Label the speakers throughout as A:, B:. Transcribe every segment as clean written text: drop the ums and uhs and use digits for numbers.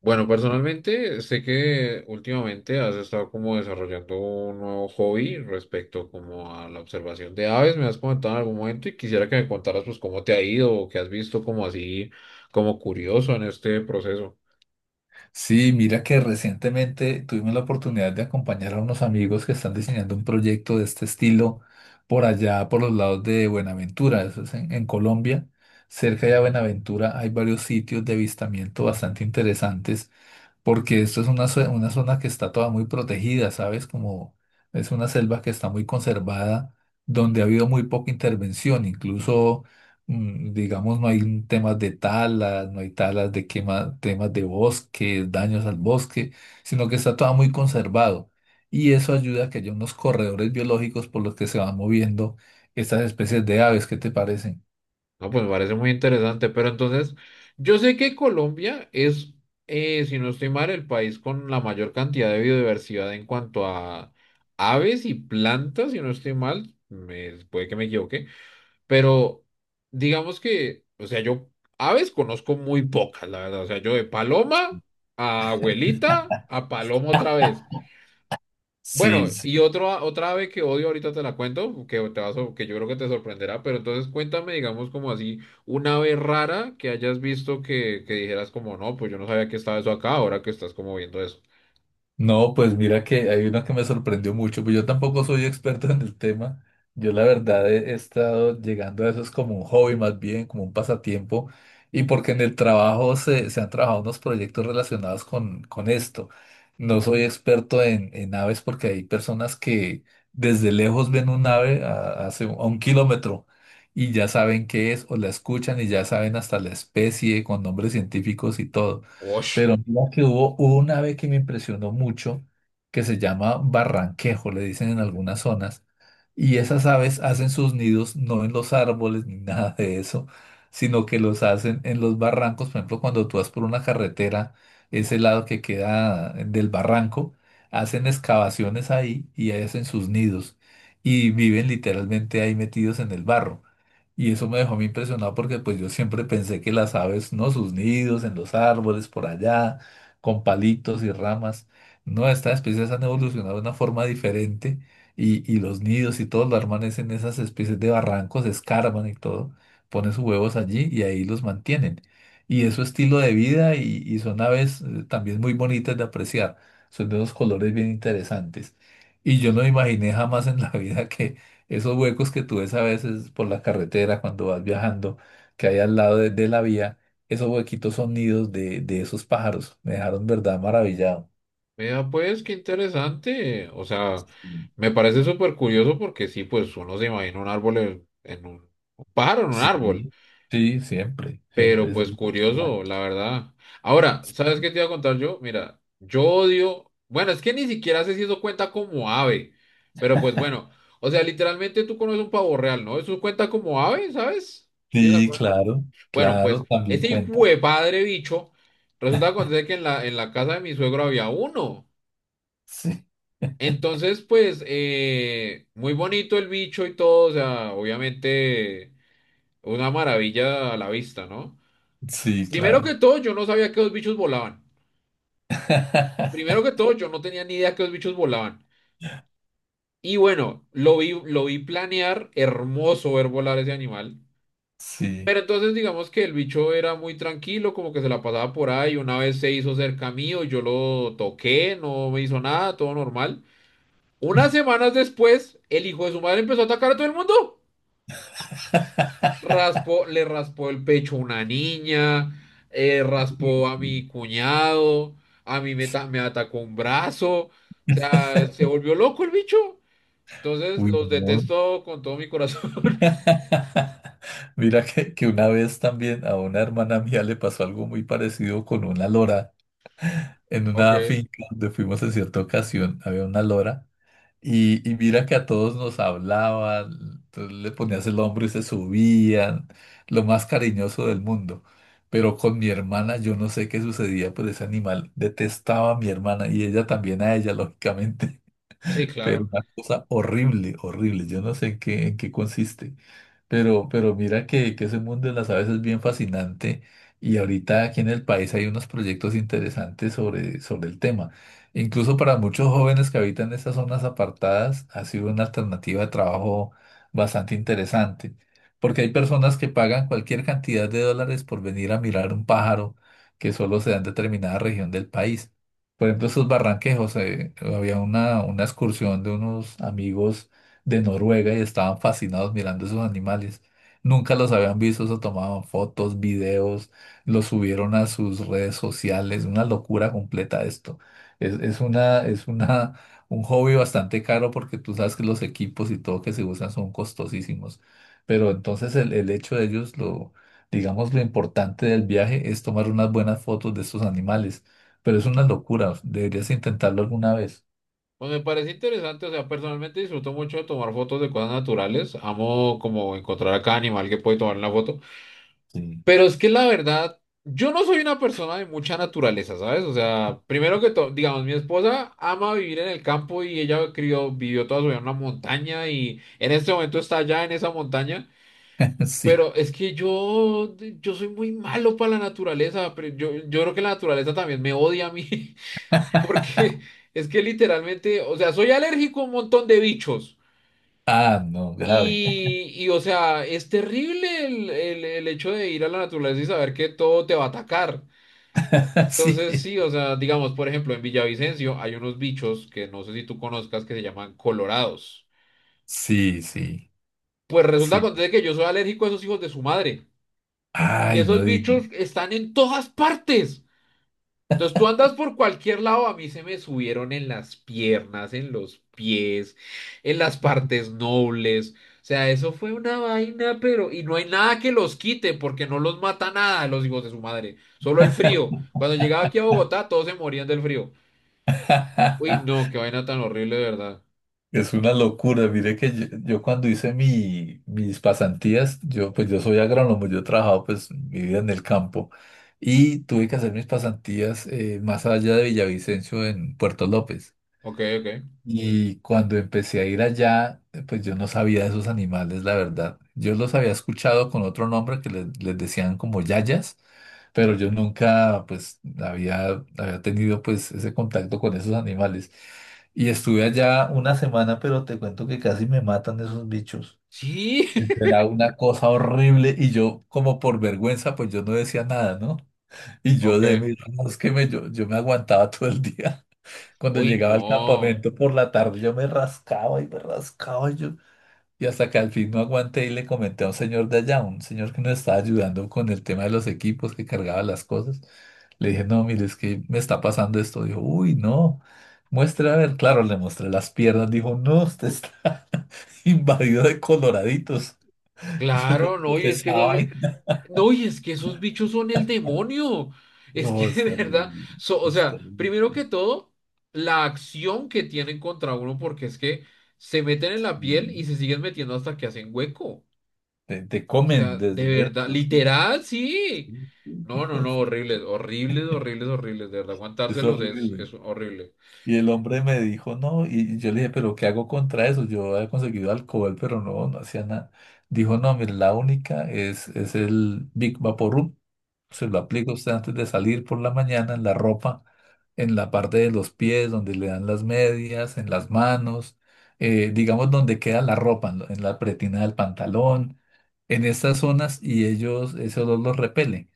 A: Bueno, personalmente sé que últimamente has estado como desarrollando un nuevo hobby respecto como a la observación de aves, me has comentado en algún momento y quisiera que me contaras pues cómo te ha ido o qué has visto como así, como curioso en este proceso.
B: Sí, mira que recientemente tuvimos la oportunidad de acompañar a unos amigos que están diseñando un proyecto de este estilo por allá, por los lados de Buenaventura, eso es en Colombia. Cerca de Buenaventura hay varios sitios de avistamiento bastante interesantes porque esto es una zona que está toda muy protegida, ¿sabes? Como es una selva que está muy conservada, donde ha habido muy poca intervención, incluso, digamos, no hay temas de talas, no hay talas de quema, temas de bosque, daños al bosque, sino que está toda muy conservado. Y eso ayuda a que haya unos corredores biológicos por los que se van moviendo estas especies de aves, ¿qué te parecen?
A: No, pues me parece muy interesante, pero entonces yo sé que Colombia es, si no estoy mal, el país con la mayor cantidad de biodiversidad en cuanto a aves y plantas, si no estoy mal, me, puede que me equivoque. Pero digamos que, o sea, yo aves conozco muy pocas, la verdad. O sea, yo de paloma a abuelita a paloma otra vez. Bueno, y otro, otra ave que odio ahorita te la cuento, que yo creo que te sorprenderá, pero entonces cuéntame, digamos, como así, una ave rara que hayas visto que dijeras como, no, pues yo no sabía que estaba eso acá, ahora que estás como viendo eso.
B: No, pues mira que hay una que me sorprendió mucho, pues yo tampoco soy experto en el tema. Yo la verdad he estado llegando a eso, es como un hobby más bien, como un pasatiempo, y porque en el trabajo se han trabajado unos proyectos relacionados con esto. No soy experto en aves porque hay personas que desde lejos ven un ave a 1 kilómetro y ya saben qué es o la escuchan y ya saben hasta la especie con nombres científicos y todo.
A: Osh.
B: Pero mira que hubo una ave que me impresionó mucho, que se llama barranquejo, le dicen en algunas zonas, y esas aves hacen sus nidos no en los árboles ni nada de eso, sino que los hacen en los barrancos. Por ejemplo, cuando tú vas por una carretera, ese lado que queda del barranco, hacen excavaciones ahí y ahí hacen sus nidos y viven literalmente ahí metidos en el barro. Y eso me dejó a mí impresionado porque pues yo siempre pensé que las aves, ¿no? Sus nidos en los árboles, por allá, con palitos y ramas. No, estas especies han evolucionado de una forma diferente y los nidos y todo lo arman es en esas especies de barrancos, escarban y todo, ponen sus huevos allí y ahí los mantienen. Y es su estilo de vida y son aves también muy bonitas de apreciar. Son de unos colores bien interesantes. Y yo no imaginé jamás en la vida esos huecos que tú ves a veces por la carretera cuando vas viajando, que hay al lado de la vía, esos huequitos son nidos de esos pájaros. Me dejaron, verdad, maravillado.
A: Mira, pues qué interesante. O sea,
B: Mm.
A: me parece súper curioso porque sí, pues uno se imagina un árbol en un pájaro en un
B: Sí,
A: árbol,
B: sí, siempre, siempre.
A: pero
B: Eso es
A: pues
B: lo que
A: curioso, la verdad. Ahora, ¿sabes qué te iba a contar yo? Mira, yo odio, bueno, es que ni siquiera sé si eso cuenta como ave, pero pues bueno, o sea, literalmente tú conoces un pavo real, ¿no? Eso cuenta como ave, ¿sabes? ¿Tienes
B: sí,
A: alguna-
B: claro,
A: Bueno, pues
B: claro, también
A: ese hijo
B: cuenta.
A: de padre bicho, resulta que acontece que en la casa de mi suegro había uno.
B: Sí,
A: Entonces, pues, muy bonito el bicho y todo, o sea, obviamente una maravilla a la vista, ¿no?
B: sí,
A: Primero que
B: claro.
A: todo, yo no sabía que los bichos volaban. Primero que todo, yo no tenía ni idea que los bichos volaban. Y bueno, lo vi planear, hermoso ver volar ese animal.
B: Sí.
A: Pero entonces, digamos que el bicho era muy tranquilo, como que se la pasaba por ahí. Una vez se hizo cerca mío, yo lo toqué, no me hizo nada, todo normal. Unas semanas después, el hijo de su madre empezó a atacar a todo el mundo. Le raspó el pecho a una niña, raspó a
B: Uy,
A: mi cuñado, a mí me, ta- me atacó un brazo, o sea, se volvió loco el bicho. Entonces
B: uy,
A: los
B: no,
A: detesto con todo mi corazón.
B: mira que una vez también a una hermana mía le pasó algo muy parecido con una lora en una
A: Ok,
B: finca donde fuimos en cierta ocasión, había una lora y mira que a todos nos hablaban, entonces le ponías el hombro y se subían, lo más cariñoso del mundo. Pero con mi hermana yo no sé qué sucedía, pues ese animal detestaba a mi hermana y ella también a ella, lógicamente,
A: sí,
B: pero
A: claro.
B: una cosa horrible, horrible, yo no sé en qué consiste. Pero mira que ese mundo de las aves es bien fascinante y ahorita aquí en el país hay unos proyectos interesantes sobre el tema. Incluso para muchos jóvenes que habitan estas zonas apartadas ha sido una alternativa de trabajo bastante interesante, porque hay personas que pagan cualquier cantidad de dólares por venir a mirar un pájaro que solo se da en determinada región del país. Por ejemplo, esos barranquejos, había una excursión de unos amigos de Noruega y estaban fascinados mirando esos animales. Nunca los habían visto, se tomaban fotos, videos, los subieron a sus redes sociales, una locura completa esto. Es, es una, es una, un hobby bastante caro porque tú sabes que los equipos y todo que se usan son costosísimos. Pero entonces el hecho de ellos, lo, digamos, lo importante del viaje es tomar unas buenas fotos de estos animales. Pero es una locura, deberías intentarlo alguna vez.
A: Pues me parece interesante, o sea, personalmente disfruto mucho de tomar fotos de cosas naturales. Amo como encontrar a cada animal que puede tomar una foto.
B: Sí.
A: Pero es que la verdad, yo no soy una persona de mucha naturaleza, ¿sabes? O sea, primero que todo, digamos, mi esposa ama vivir en el campo y ella crió, vivió toda su vida en una montaña y en este momento está allá en esa montaña.
B: Sí.
A: Pero es que yo soy muy malo para la naturaleza, pero yo creo que la naturaleza también me odia a mí, porque es que literalmente, o sea, soy alérgico a un montón de bichos.
B: Ah, no, grave.
A: O sea, es terrible el hecho de ir a la naturaleza y saber que todo te va a atacar. Entonces,
B: Sí,
A: sí, o sea, digamos, por ejemplo, en Villavicencio hay unos bichos que no sé si tú conozcas que se llaman colorados.
B: sí, sí,
A: Pues resulta
B: sí.
A: acontece que yo soy alérgico a esos hijos de su madre. Y
B: Ay, no
A: esos
B: digas.
A: bichos están en todas partes. Entonces tú andas por cualquier lado, a mí se me subieron en las piernas, en los pies, en las partes nobles. O sea, eso fue una vaina, pero... Y no hay nada que los quite, porque no los mata nada los hijos de su madre. Solo el frío. Cuando llegaba aquí a Bogotá, todos se morían del frío. Uy, no, qué vaina tan horrible, de verdad.
B: Es una locura. Mire que yo cuando hice mis pasantías, yo pues yo soy agrónomo, yo he trabajado pues mi vida en el campo y tuve que hacer mis pasantías más allá de Villavicencio en Puerto López.
A: Ok, ok.
B: Y cuando empecé a ir allá, pues yo no sabía de esos animales, la verdad. Yo los había escuchado con otro nombre que les decían como yayas, pero yo nunca pues había tenido pues ese contacto con esos animales. Y estuve allá una semana, pero te cuento que casi me matan esos bichos.
A: Sí.
B: Era una cosa horrible y yo como por vergüenza pues yo no decía nada, ¿no? Y yo
A: Ok.
B: de mis que me, yo me aguantaba todo el día. Cuando
A: Uy,
B: llegaba al
A: no.
B: campamento por la tarde, yo me rascaba y yo. Y hasta que al fin no aguanté y le comenté a un señor de allá, un señor que nos estaba ayudando con el tema de los equipos, que cargaba las cosas. Le dije, no, mire, es que me está pasando esto. Dijo, uy, no, muestre a ver. Claro, le mostré las piernas. Dijo, no, usted está invadido de coloraditos. Yo "Pero
A: Claro, no,
B: ¿qué
A: y es que
B: esa
A: esos,
B: vaina?".
A: no, y es que esos bichos son el demonio. Es que
B: No,
A: de
B: es
A: verdad,
B: terrible,
A: o
B: es
A: sea, primero
B: terrible.
A: que todo, la acción que tienen contra uno, porque es que se meten en la
B: Sí.
A: piel y se siguen metiendo hasta que hacen hueco.
B: Te
A: O
B: comen
A: sea,
B: desde
A: de verdad,
B: dentro, sí.
A: literal, sí.
B: Sí, sí.
A: No, no, no, horribles, horribles, horribles, horribles. De verdad,
B: Es
A: aguantárselos
B: horrible.
A: es horrible.
B: Y el hombre me dijo, no, y yo le dije, pero ¿qué hago contra eso? Yo había conseguido alcohol, pero no, no hacía nada. Dijo, no, mire, la única es el Big vaporum. Se lo aplica usted antes de salir por la mañana en la ropa, en la parte de los pies, donde le dan las medias, en las manos, digamos donde queda la ropa, en la pretina del pantalón, en estas zonas, y ellos, ese olor los repele.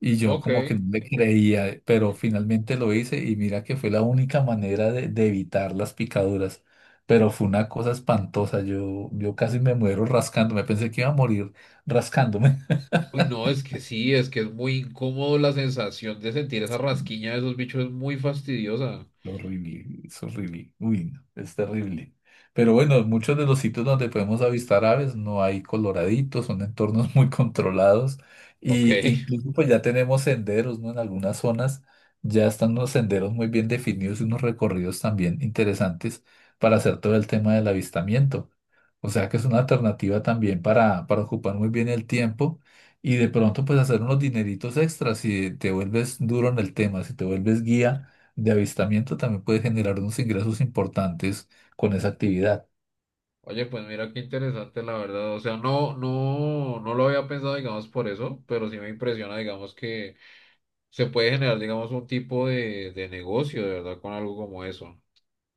B: Y yo
A: Ok.
B: como que no le creía, pero finalmente lo hice y mira que fue la única manera de evitar las picaduras. Pero fue una cosa espantosa, yo casi me muero rascándome, pensé que iba a morir rascándome.
A: Uy, no, es que sí, es que es muy incómodo la sensación de sentir esa rasquiña de esos bichos, es muy fastidiosa.
B: Horrible, es horrible. Uy, no, es terrible. Pero bueno, en muchos de los sitios donde podemos avistar aves no hay coloraditos, son entornos muy controlados.
A: Ok.
B: Y incluso pues ya tenemos senderos, ¿no? En algunas zonas ya están unos senderos muy bien definidos y unos recorridos también interesantes para hacer todo el tema del avistamiento. O sea que es una alternativa también para ocupar muy bien el tiempo y de pronto pues hacer unos dineritos extras si te vuelves duro en el tema, si te vuelves guía de avistamiento también puede generar unos ingresos importantes con esa actividad.
A: Oye, pues mira qué interesante, la verdad. O sea, no, no, no lo había pensado, digamos, por eso, pero sí me impresiona, digamos, que se puede generar, digamos, un tipo de negocio, de verdad, con algo como eso.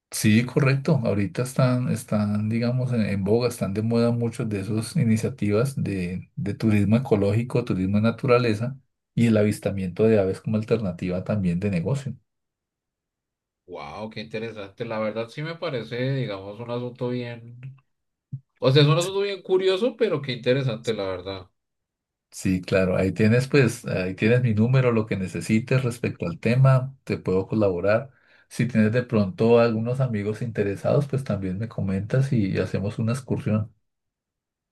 B: Sí, correcto. Ahorita están, están, digamos, en boga, están de moda muchas de esas iniciativas de turismo ecológico, turismo de naturaleza y el avistamiento de aves como alternativa también de negocio.
A: Wow, qué interesante. La verdad sí me parece, digamos, un asunto bien. O sea, es un
B: Sí,
A: asunto bien curioso, pero qué interesante, la verdad.
B: sí, claro, ahí tienes pues, ahí tienes mi número, lo que necesites respecto al tema, te puedo colaborar. Si tienes de pronto algunos amigos interesados, pues también me comentas y hacemos una excursión.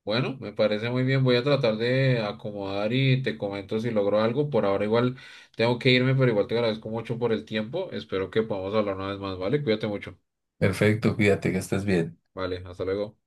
A: Bueno, me parece muy bien. Voy a tratar de acomodar y te comento si logro algo. Por ahora igual tengo que irme, pero igual te agradezco mucho por el tiempo. Espero que podamos hablar una vez más, ¿vale? Cuídate mucho.
B: Perfecto, cuídate, que estés bien.
A: Vale, hasta luego.